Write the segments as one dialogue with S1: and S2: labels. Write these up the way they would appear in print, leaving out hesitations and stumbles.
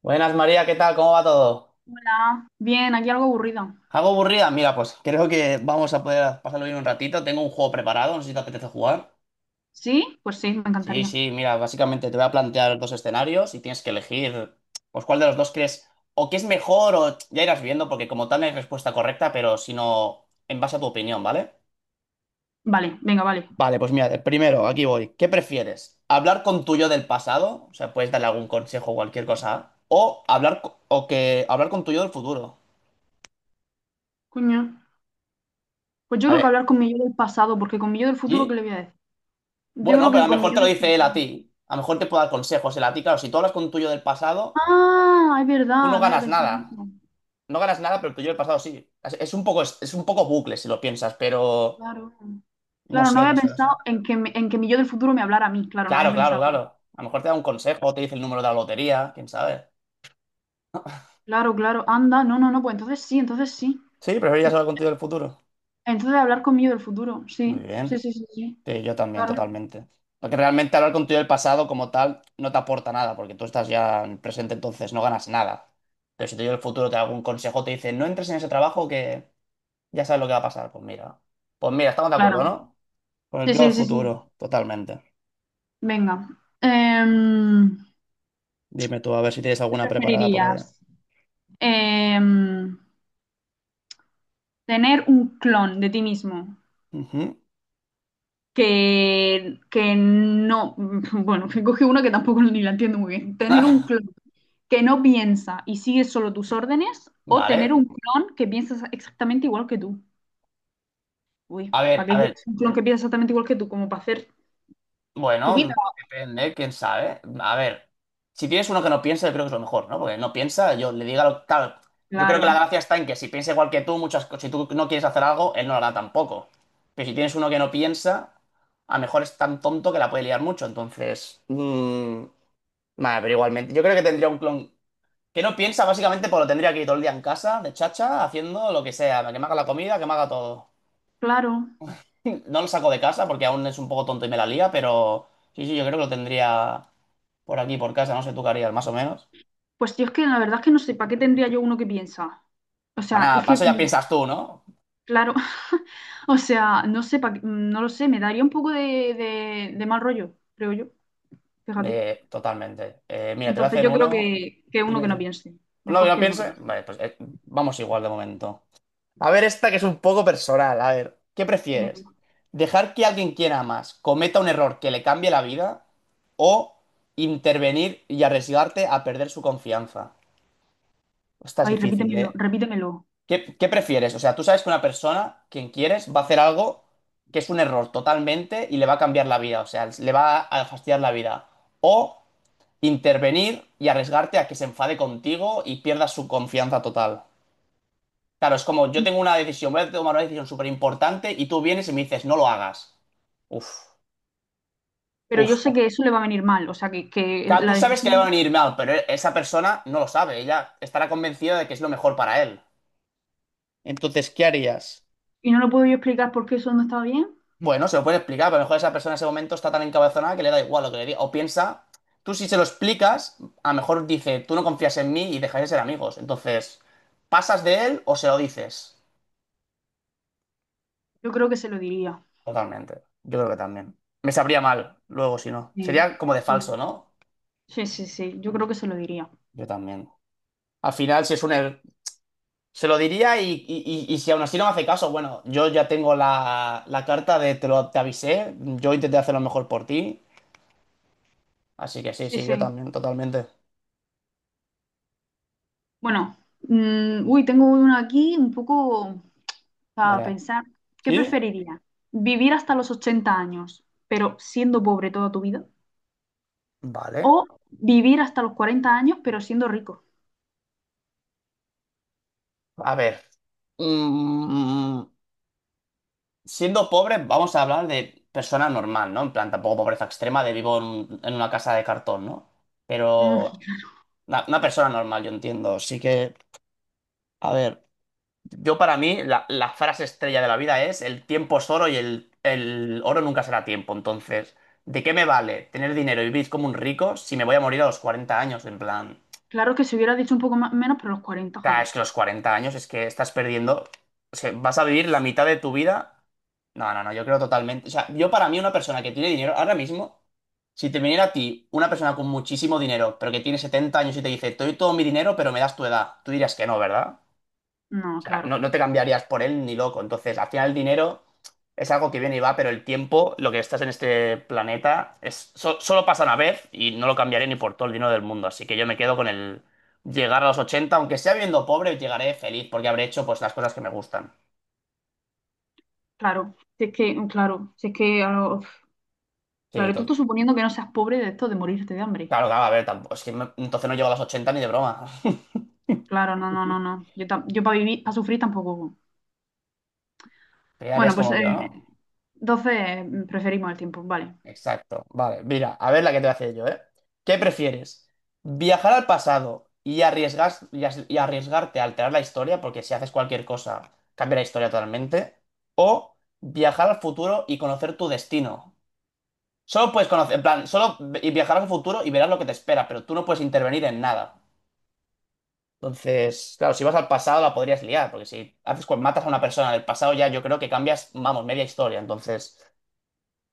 S1: Buenas María, ¿qué tal? ¿Cómo va todo?
S2: Hola, bien, aquí algo aburrido.
S1: ¿Algo aburrida? Mira, pues creo que vamos a poder pasarlo bien un ratito. Tengo un juego preparado, no sé si te apetece jugar.
S2: ¿Sí? Pues sí, me
S1: Sí,
S2: encantaría.
S1: sí, mira, básicamente te voy a plantear dos escenarios y tienes que elegir, pues cuál de los dos crees, o qué es mejor, o ya irás viendo, porque como tal no hay respuesta correcta, pero si no, en base a tu opinión, ¿vale?
S2: Vale, venga, vale.
S1: Vale, pues mira, el primero, aquí voy. ¿Qué prefieres? ¿Hablar con tu yo del pasado? O sea, puedes darle algún consejo o cualquier cosa. O hablar, o que hablar con tu yo del futuro.
S2: Coño. Pues yo
S1: A
S2: creo que
S1: ver,
S2: hablar con mi yo del pasado, porque con mi yo del futuro, ¿qué
S1: ¿sí?
S2: le voy a decir? Yo
S1: Bueno,
S2: creo
S1: pero
S2: que
S1: a lo
S2: con mi
S1: mejor
S2: yo
S1: te lo
S2: del
S1: dice él a
S2: pasado.
S1: ti. A lo mejor te puede dar consejos él a ti. Claro, si tú hablas con un tuyo del pasado,
S2: Ah, es
S1: tú no
S2: verdad, no había
S1: ganas
S2: pensado en
S1: nada.
S2: eso.
S1: No ganas nada, pero el tuyo del pasado sí. Es un poco, es un poco bucle si lo piensas, pero
S2: Claro.
S1: no
S2: Claro, no
S1: sé, no
S2: había
S1: sé, no sé.
S2: pensado en que, en que mi yo del futuro me hablara a mí. Claro, no había
S1: Claro, claro,
S2: pensado.
S1: claro. A lo mejor te da un consejo, te dice el número de la lotería, quién sabe.
S2: Claro, claro, anda, no, no, no, pues entonces sí, entonces sí.
S1: Sí, preferirías hablar contigo del futuro.
S2: Entonces hablar con mi yo del futuro,
S1: Muy
S2: sí, sí,
S1: bien.
S2: sí, sí, sí.
S1: Sí, yo también,
S2: Claro,
S1: totalmente. Porque realmente hablar contigo del pasado como tal no te aporta nada, porque tú estás ya en el presente, entonces no ganas nada. Pero si te digo el futuro, te da algún consejo, te dice, no entres en ese trabajo que ya sabes lo que va a pasar. Pues mira. Pues mira, estamos de acuerdo,
S2: claro.
S1: ¿no? Pues
S2: Sí,
S1: yo al
S2: sí, sí, sí.
S1: futuro, totalmente.
S2: Venga. Em,
S1: Dime tú, a ver si tienes
S2: ¿Qué
S1: alguna preparada por
S2: preferirías?
S1: allá.
S2: Em, tener un clon de ti mismo
S1: Ujú.
S2: que no, bueno, que coge uno que tampoco ni la entiendo muy bien. Tener un
S1: Ah,
S2: clon que no piensa y sigue solo tus órdenes o tener
S1: vale.
S2: un clon que piensa exactamente igual que tú. Uy,
S1: A ver,
S2: ¿para qué
S1: a ver.
S2: quieres un clon que piensa exactamente igual que tú? Como para hacer tu
S1: Bueno,
S2: vida.
S1: depende, quién sabe. A ver, si tienes uno que no piensa, yo creo que es lo mejor, ¿no? Porque no piensa, yo le diga lo. Claro, yo creo que la
S2: Claro,
S1: gracia está en que si piensa igual que tú, muchas cosas, si tú no quieres hacer algo, él no lo hará tampoco. Pero si tienes uno que no piensa, a lo mejor es tan tonto que la puede liar mucho. Entonces. Vale, pero igualmente. Yo creo que tendría un clon. Que no piensa, básicamente, pues lo tendría aquí todo el día en casa, de chacha, haciendo lo que sea, que me haga la comida, que me haga todo.
S2: claro.
S1: No lo saco de casa porque aún es un poco tonto y me la lía, pero sí, sí, yo creo que lo tendría por aquí, por casa, no sé tú qué harías, más o menos.
S2: Pues yo es que la verdad es que no sé, ¿para qué tendría yo uno que piensa? O
S1: Para
S2: sea,
S1: nada,
S2: es que
S1: paso ya piensas tú, ¿no?
S2: claro, o sea, no sé, no lo sé, me daría un poco de mal rollo, creo yo, fíjate.
S1: Totalmente. Mira, te voy a
S2: Entonces
S1: hacer
S2: yo creo
S1: uno.
S2: que uno
S1: Dime,
S2: que no
S1: dime.
S2: piense,
S1: No,
S2: mejor
S1: yo
S2: que no
S1: piense.
S2: piense.
S1: Vale, pues vamos igual de momento. A ver, esta que es un poco personal. A ver, ¿qué prefieres?
S2: Venga.
S1: ¿Dejar que alguien quiera más cometa un error que le cambie la vida? ¿O intervenir y arriesgarte a perder su confianza? Esta es
S2: Ay,
S1: difícil,
S2: repítemelo,
S1: ¿eh?
S2: repítemelo.
S1: ¿Qué prefieres? O sea, tú sabes que una persona, quien quieres, va a hacer algo que es un error totalmente y le va a cambiar la vida. O sea, le va a fastidiar la vida. O intervenir y arriesgarte a que se enfade contigo y pierdas su confianza total. Claro, es como yo tengo una decisión, voy a tomar una decisión súper importante y tú vienes y me dices, no lo hagas. Uf,
S2: Pero
S1: uf,
S2: yo sé
S1: uf.
S2: que eso le va a venir mal, o sea, que
S1: Claro,
S2: la
S1: tú sabes que le va a
S2: decisión,
S1: venir mal, pero esa persona no lo sabe. Ella estará convencida de que es lo mejor para él. Entonces, ¿qué harías?
S2: y no lo puedo yo explicar por qué eso no está bien,
S1: Bueno, se lo puede explicar, pero a lo mejor esa persona en ese momento está tan encabezonada que le da igual lo que le diga. O piensa, tú si se lo explicas, a lo mejor dice, tú no confías en mí y dejáis de ser amigos. Entonces, ¿pasas de él o se lo dices?
S2: yo creo que se lo diría.
S1: Totalmente. Yo creo que también. Me sabría mal luego si no.
S2: Sí,
S1: Sería como de falso,
S2: sí,
S1: ¿no?
S2: sí, sí, sí, yo creo que se lo diría.
S1: Yo también. Al final, si es un... er- Se lo diría y, y si aún así no me hace caso, bueno, yo ya tengo la carta de te avisé, yo intenté hacer lo mejor por ti, así que sí,
S2: Sí,
S1: sí, yo
S2: sí.
S1: también, totalmente.
S2: Bueno, uy, tengo uno aquí un poco para
S1: Veré.
S2: pensar. ¿Qué
S1: ¿Sí?
S2: preferiría? ¿Vivir hasta los 80 años, pero siendo pobre toda tu vida?
S1: Vale.
S2: ¿O vivir hasta los 40 años, pero siendo rico?
S1: A ver. Mm, siendo pobre, vamos a hablar de persona normal, ¿no? En plan, tampoco pobreza extrema de vivo en una casa de cartón, ¿no? Pero
S2: Claro,
S1: una persona normal, yo entiendo. Así que, a ver. Yo para mí la frase estrella de la vida es el tiempo es oro y el oro nunca será tiempo. Entonces, ¿de qué me vale tener dinero y vivir como un rico si me voy a morir a los 40 años? En plan,
S2: claro, que se hubiera dicho un poco más menos, pero los 40,
S1: claro,
S2: joder.
S1: es que los 40 años es que estás perdiendo, o sea, vas a vivir la mitad de tu vida. No, no, no, yo creo totalmente. O sea, yo para mí una persona que tiene dinero ahora mismo, si te viniera a ti una persona con muchísimo dinero, pero que tiene 70 años y te dice, te doy todo mi dinero, pero me das tu edad, tú dirías que no, ¿verdad? O
S2: No,
S1: sea,
S2: claro,
S1: no, no te cambiarías por él ni loco. Entonces, al final el dinero es algo que viene y va, pero el tiempo, lo que estás en este planeta, solo pasa una vez y no lo cambiaré ni por todo el dinero del mundo. Así que yo me quedo con el llegar a los 80 aunque sea viviendo pobre, llegaré feliz porque habré hecho pues las cosas que me gustan.
S2: claro. Si es que, claro, si es que, a lo-
S1: Sí,
S2: claro, tú estás suponiendo que no seas pobre de esto de morirte de hambre.
S1: claro, claro, a ver, tampoco, es que entonces no llego a los 80 ni de broma.
S2: Claro, no, no, no, no. Yo para vivir, para sufrir tampoco.
S1: Te quedarías
S2: Bueno, pues
S1: como yo, ¿no?
S2: 12 preferimos el tiempo, vale.
S1: Exacto. Vale, mira, a ver la que te voy a hacer yo, ¿eh? ¿Qué prefieres? ¿Viajar al pasado y arriesgarte a alterar la historia? Porque si haces cualquier cosa, cambia la historia totalmente. ¿O viajar al futuro y conocer tu destino? Solo puedes conocer, en plan, solo y viajar al futuro y verás lo que te espera, pero tú no puedes intervenir en nada. Entonces, claro, si vas al pasado la podrías liar, porque si haces, matas a una persona del pasado ya yo creo que cambias, vamos, media historia. Entonces,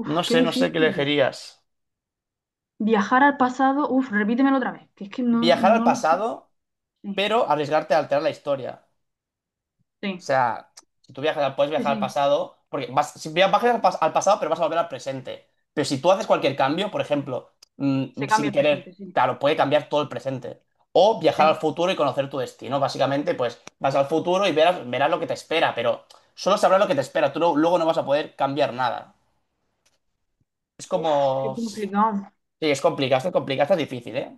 S2: Uf,
S1: no
S2: qué
S1: sé, no sé qué
S2: difícil.
S1: elegirías.
S2: Viajar al pasado, uf, repítemelo otra vez, que es que no,
S1: ¿Viajar al
S2: no lo sé.
S1: pasado?
S2: Sí,
S1: Pero arriesgarte a alterar la historia. O
S2: sí,
S1: sea, si tú viajas, puedes
S2: sí,
S1: viajar al
S2: sí.
S1: pasado, porque vas, si vas al pasado, pero vas a volver al presente. Pero si tú haces cualquier cambio, por ejemplo,
S2: Se cambia
S1: sin
S2: el presente,
S1: querer,
S2: sí,
S1: claro, puede cambiar todo el presente. O viajar al
S2: sí.
S1: futuro y conocer tu destino. Básicamente, pues vas al futuro y verás lo que te espera, pero solo sabrás lo que te espera. Tú luego no vas a poder cambiar nada.
S2: Uf, qué
S1: Sí,
S2: complicado.
S1: es complicado, es difícil, ¿eh?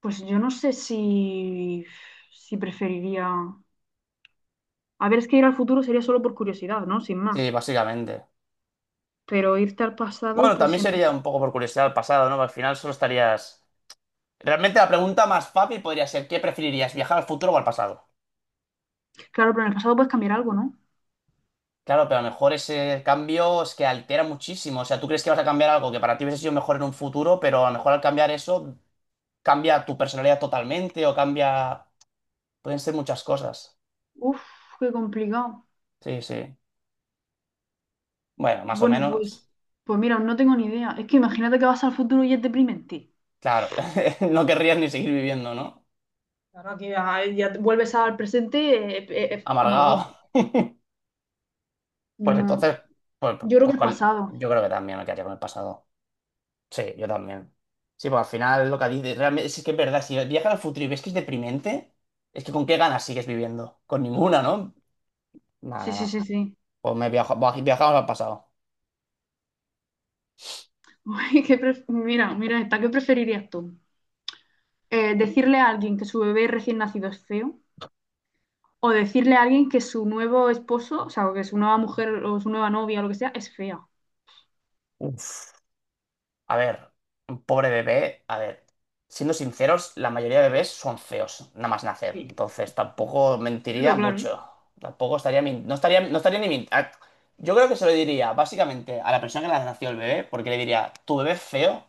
S2: Pues yo no sé si preferiría... A ver, es que ir al futuro sería solo por curiosidad, ¿no? Sin
S1: Sí,
S2: más.
S1: básicamente.
S2: Pero irte al pasado,
S1: Bueno,
S2: pues
S1: también
S2: en el...
S1: sería un poco por curiosidad al pasado, ¿no? Al final solo estarías. Realmente la pregunta más fácil podría ser, ¿qué preferirías, viajar al futuro o al pasado?
S2: Claro, pero en el pasado puedes cambiar algo, ¿no?
S1: Claro, pero a lo mejor ese cambio es que altera muchísimo. O sea, tú crees que vas a cambiar algo que para ti hubiese sido mejor en un futuro, pero a lo mejor al cambiar eso cambia tu personalidad totalmente o cambia. Pueden ser muchas cosas.
S2: Uf, qué complicado.
S1: Sí, sí. Bueno, más o
S2: Bueno, pues,
S1: menos.
S2: pues mira, no tengo ni idea. Es que imagínate que vas al futuro y es deprimente.
S1: Claro, no querrías ni seguir viviendo, ¿no?
S2: Ahora que ya, ya vuelves al presente, amargado.
S1: Amargado. Pues
S2: No,
S1: entonces,
S2: yo creo que el pasado.
S1: yo creo que también me quedaría con el pasado. Sí, yo también. Sí, pues al final lo que dices, realmente, es que es verdad, si viajas al futuro y ves que es deprimente, es que con qué ganas sigues viviendo. Con ninguna, ¿no? No,
S2: Sí,
S1: no,
S2: sí,
S1: no.
S2: sí, sí.
S1: Pues viajamos al pasado.
S2: Uy, mira, mira esta, ¿qué preferirías tú? ¿Decirle a alguien que su bebé recién nacido es feo? ¿O decirle a alguien que su nuevo esposo, o sea, o que su nueva mujer o su nueva novia o lo que sea, es fea?
S1: Uf. A ver, un pobre bebé, a ver, siendo sinceros, la mayoría de bebés son feos, nada más nacer.
S2: Sí.
S1: Entonces tampoco mentiría
S2: Claro, claro. ¿Eh?
S1: mucho. Tampoco estaría, no estaría, no estaría ni min- ah, Yo creo que se lo diría básicamente a la persona que le nació el bebé, porque le diría, tu bebé es feo,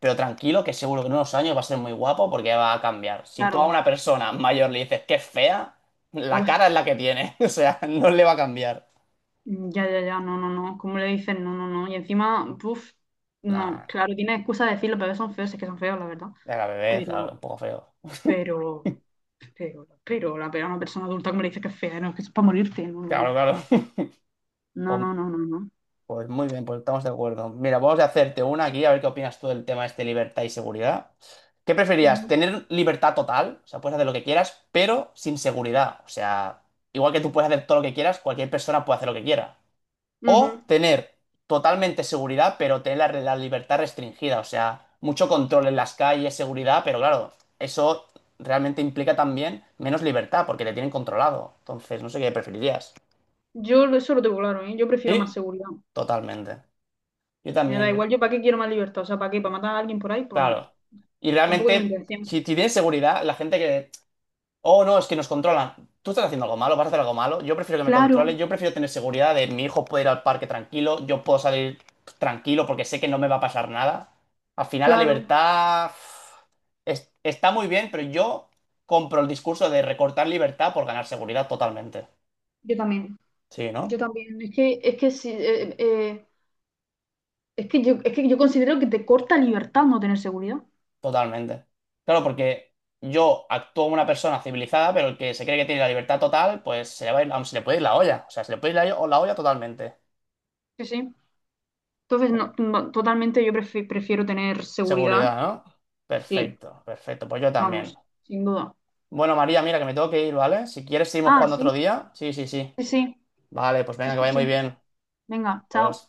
S1: pero tranquilo, que seguro que en unos años va a ser muy guapo porque va a cambiar. Si tú a
S2: Claro.
S1: una persona mayor le dices que es fea, la cara
S2: Uf.
S1: es la que tiene, o sea, no le va a cambiar.
S2: Ya, ya, ya, no, no, no, ¿cómo le dices? No, no, no. Y encima, puf, no,
S1: Nada,
S2: claro, tiene excusa de decirlo, pero son feos, es que son feos, la verdad.
S1: era bebé, claro, un
S2: Pero,
S1: poco feo.
S2: pero, pero, la pega a una persona adulta, ¿como le dices que es fea? No, es que eso es para morirte, no, no,
S1: Claro,
S2: no.
S1: claro.
S2: No,
S1: Pues
S2: no, no, no, no.
S1: Pues muy bien, pues estamos de acuerdo. Mira, vamos a hacerte una aquí, a ver qué opinas tú del tema este libertad y seguridad. ¿Qué preferías?
S2: Ujú.
S1: ¿Tener libertad total? O sea, puedes hacer lo que quieras, pero sin seguridad. O sea, igual que tú puedes hacer todo lo que quieras, cualquier persona puede hacer lo que quiera.
S2: Ujú.
S1: O tener totalmente seguridad, pero tener la libertad restringida. O sea, mucho control en las calles, seguridad, pero claro, eso realmente implica también menos libertad, porque te tienen controlado. Entonces, no sé qué preferirías.
S2: Eso lo tengo claro, ¿eh? Yo prefiero más
S1: Sí,
S2: seguridad.
S1: totalmente. Yo
S2: Me da
S1: también.
S2: igual, ¿yo para qué quiero más libertad? O sea, ¿para qué? ¿Para matar a alguien por ahí? Pues no,
S1: Claro. Y
S2: tampoco tengo
S1: realmente, si
S2: intención.
S1: si tienes seguridad, la gente que, oh no, es que nos controlan. Tú estás haciendo algo malo, vas a hacer algo malo. Yo prefiero que me controlen,
S2: Claro,
S1: yo prefiero tener seguridad de mi hijo puede ir al parque tranquilo, yo puedo salir tranquilo porque sé que no me va a pasar nada. Al final, la
S2: claro,
S1: libertad uf, está muy bien, pero yo compro el discurso de recortar libertad por ganar seguridad totalmente.
S2: yo también.
S1: Sí,
S2: Yo
S1: ¿no?
S2: también. Es que sí. Es que yo considero que te corta libertad no tener seguridad.
S1: Totalmente. Claro, porque yo actúo como una persona civilizada, pero el que se cree que tiene la libertad total, pues se le va a ir, vamos, se le puede ir la olla. O sea, se le puede ir la olla totalmente.
S2: Sí, sí. Entonces, no, no, totalmente yo prefiero tener seguridad.
S1: Seguridad, ¿no?
S2: Sí,
S1: Perfecto, perfecto. Pues yo también.
S2: vamos, sin duda.
S1: Bueno, María, mira que me tengo que ir, ¿vale? Si quieres, seguimos
S2: Ah,
S1: jugando
S2: sí,
S1: otro día. Sí, sí, sí.
S2: sí, sí,
S1: Vale, pues venga,
S2: sí,
S1: que
S2: sí.
S1: vaya muy
S2: Sí.
S1: bien.
S2: Venga, chao.
S1: Adiós.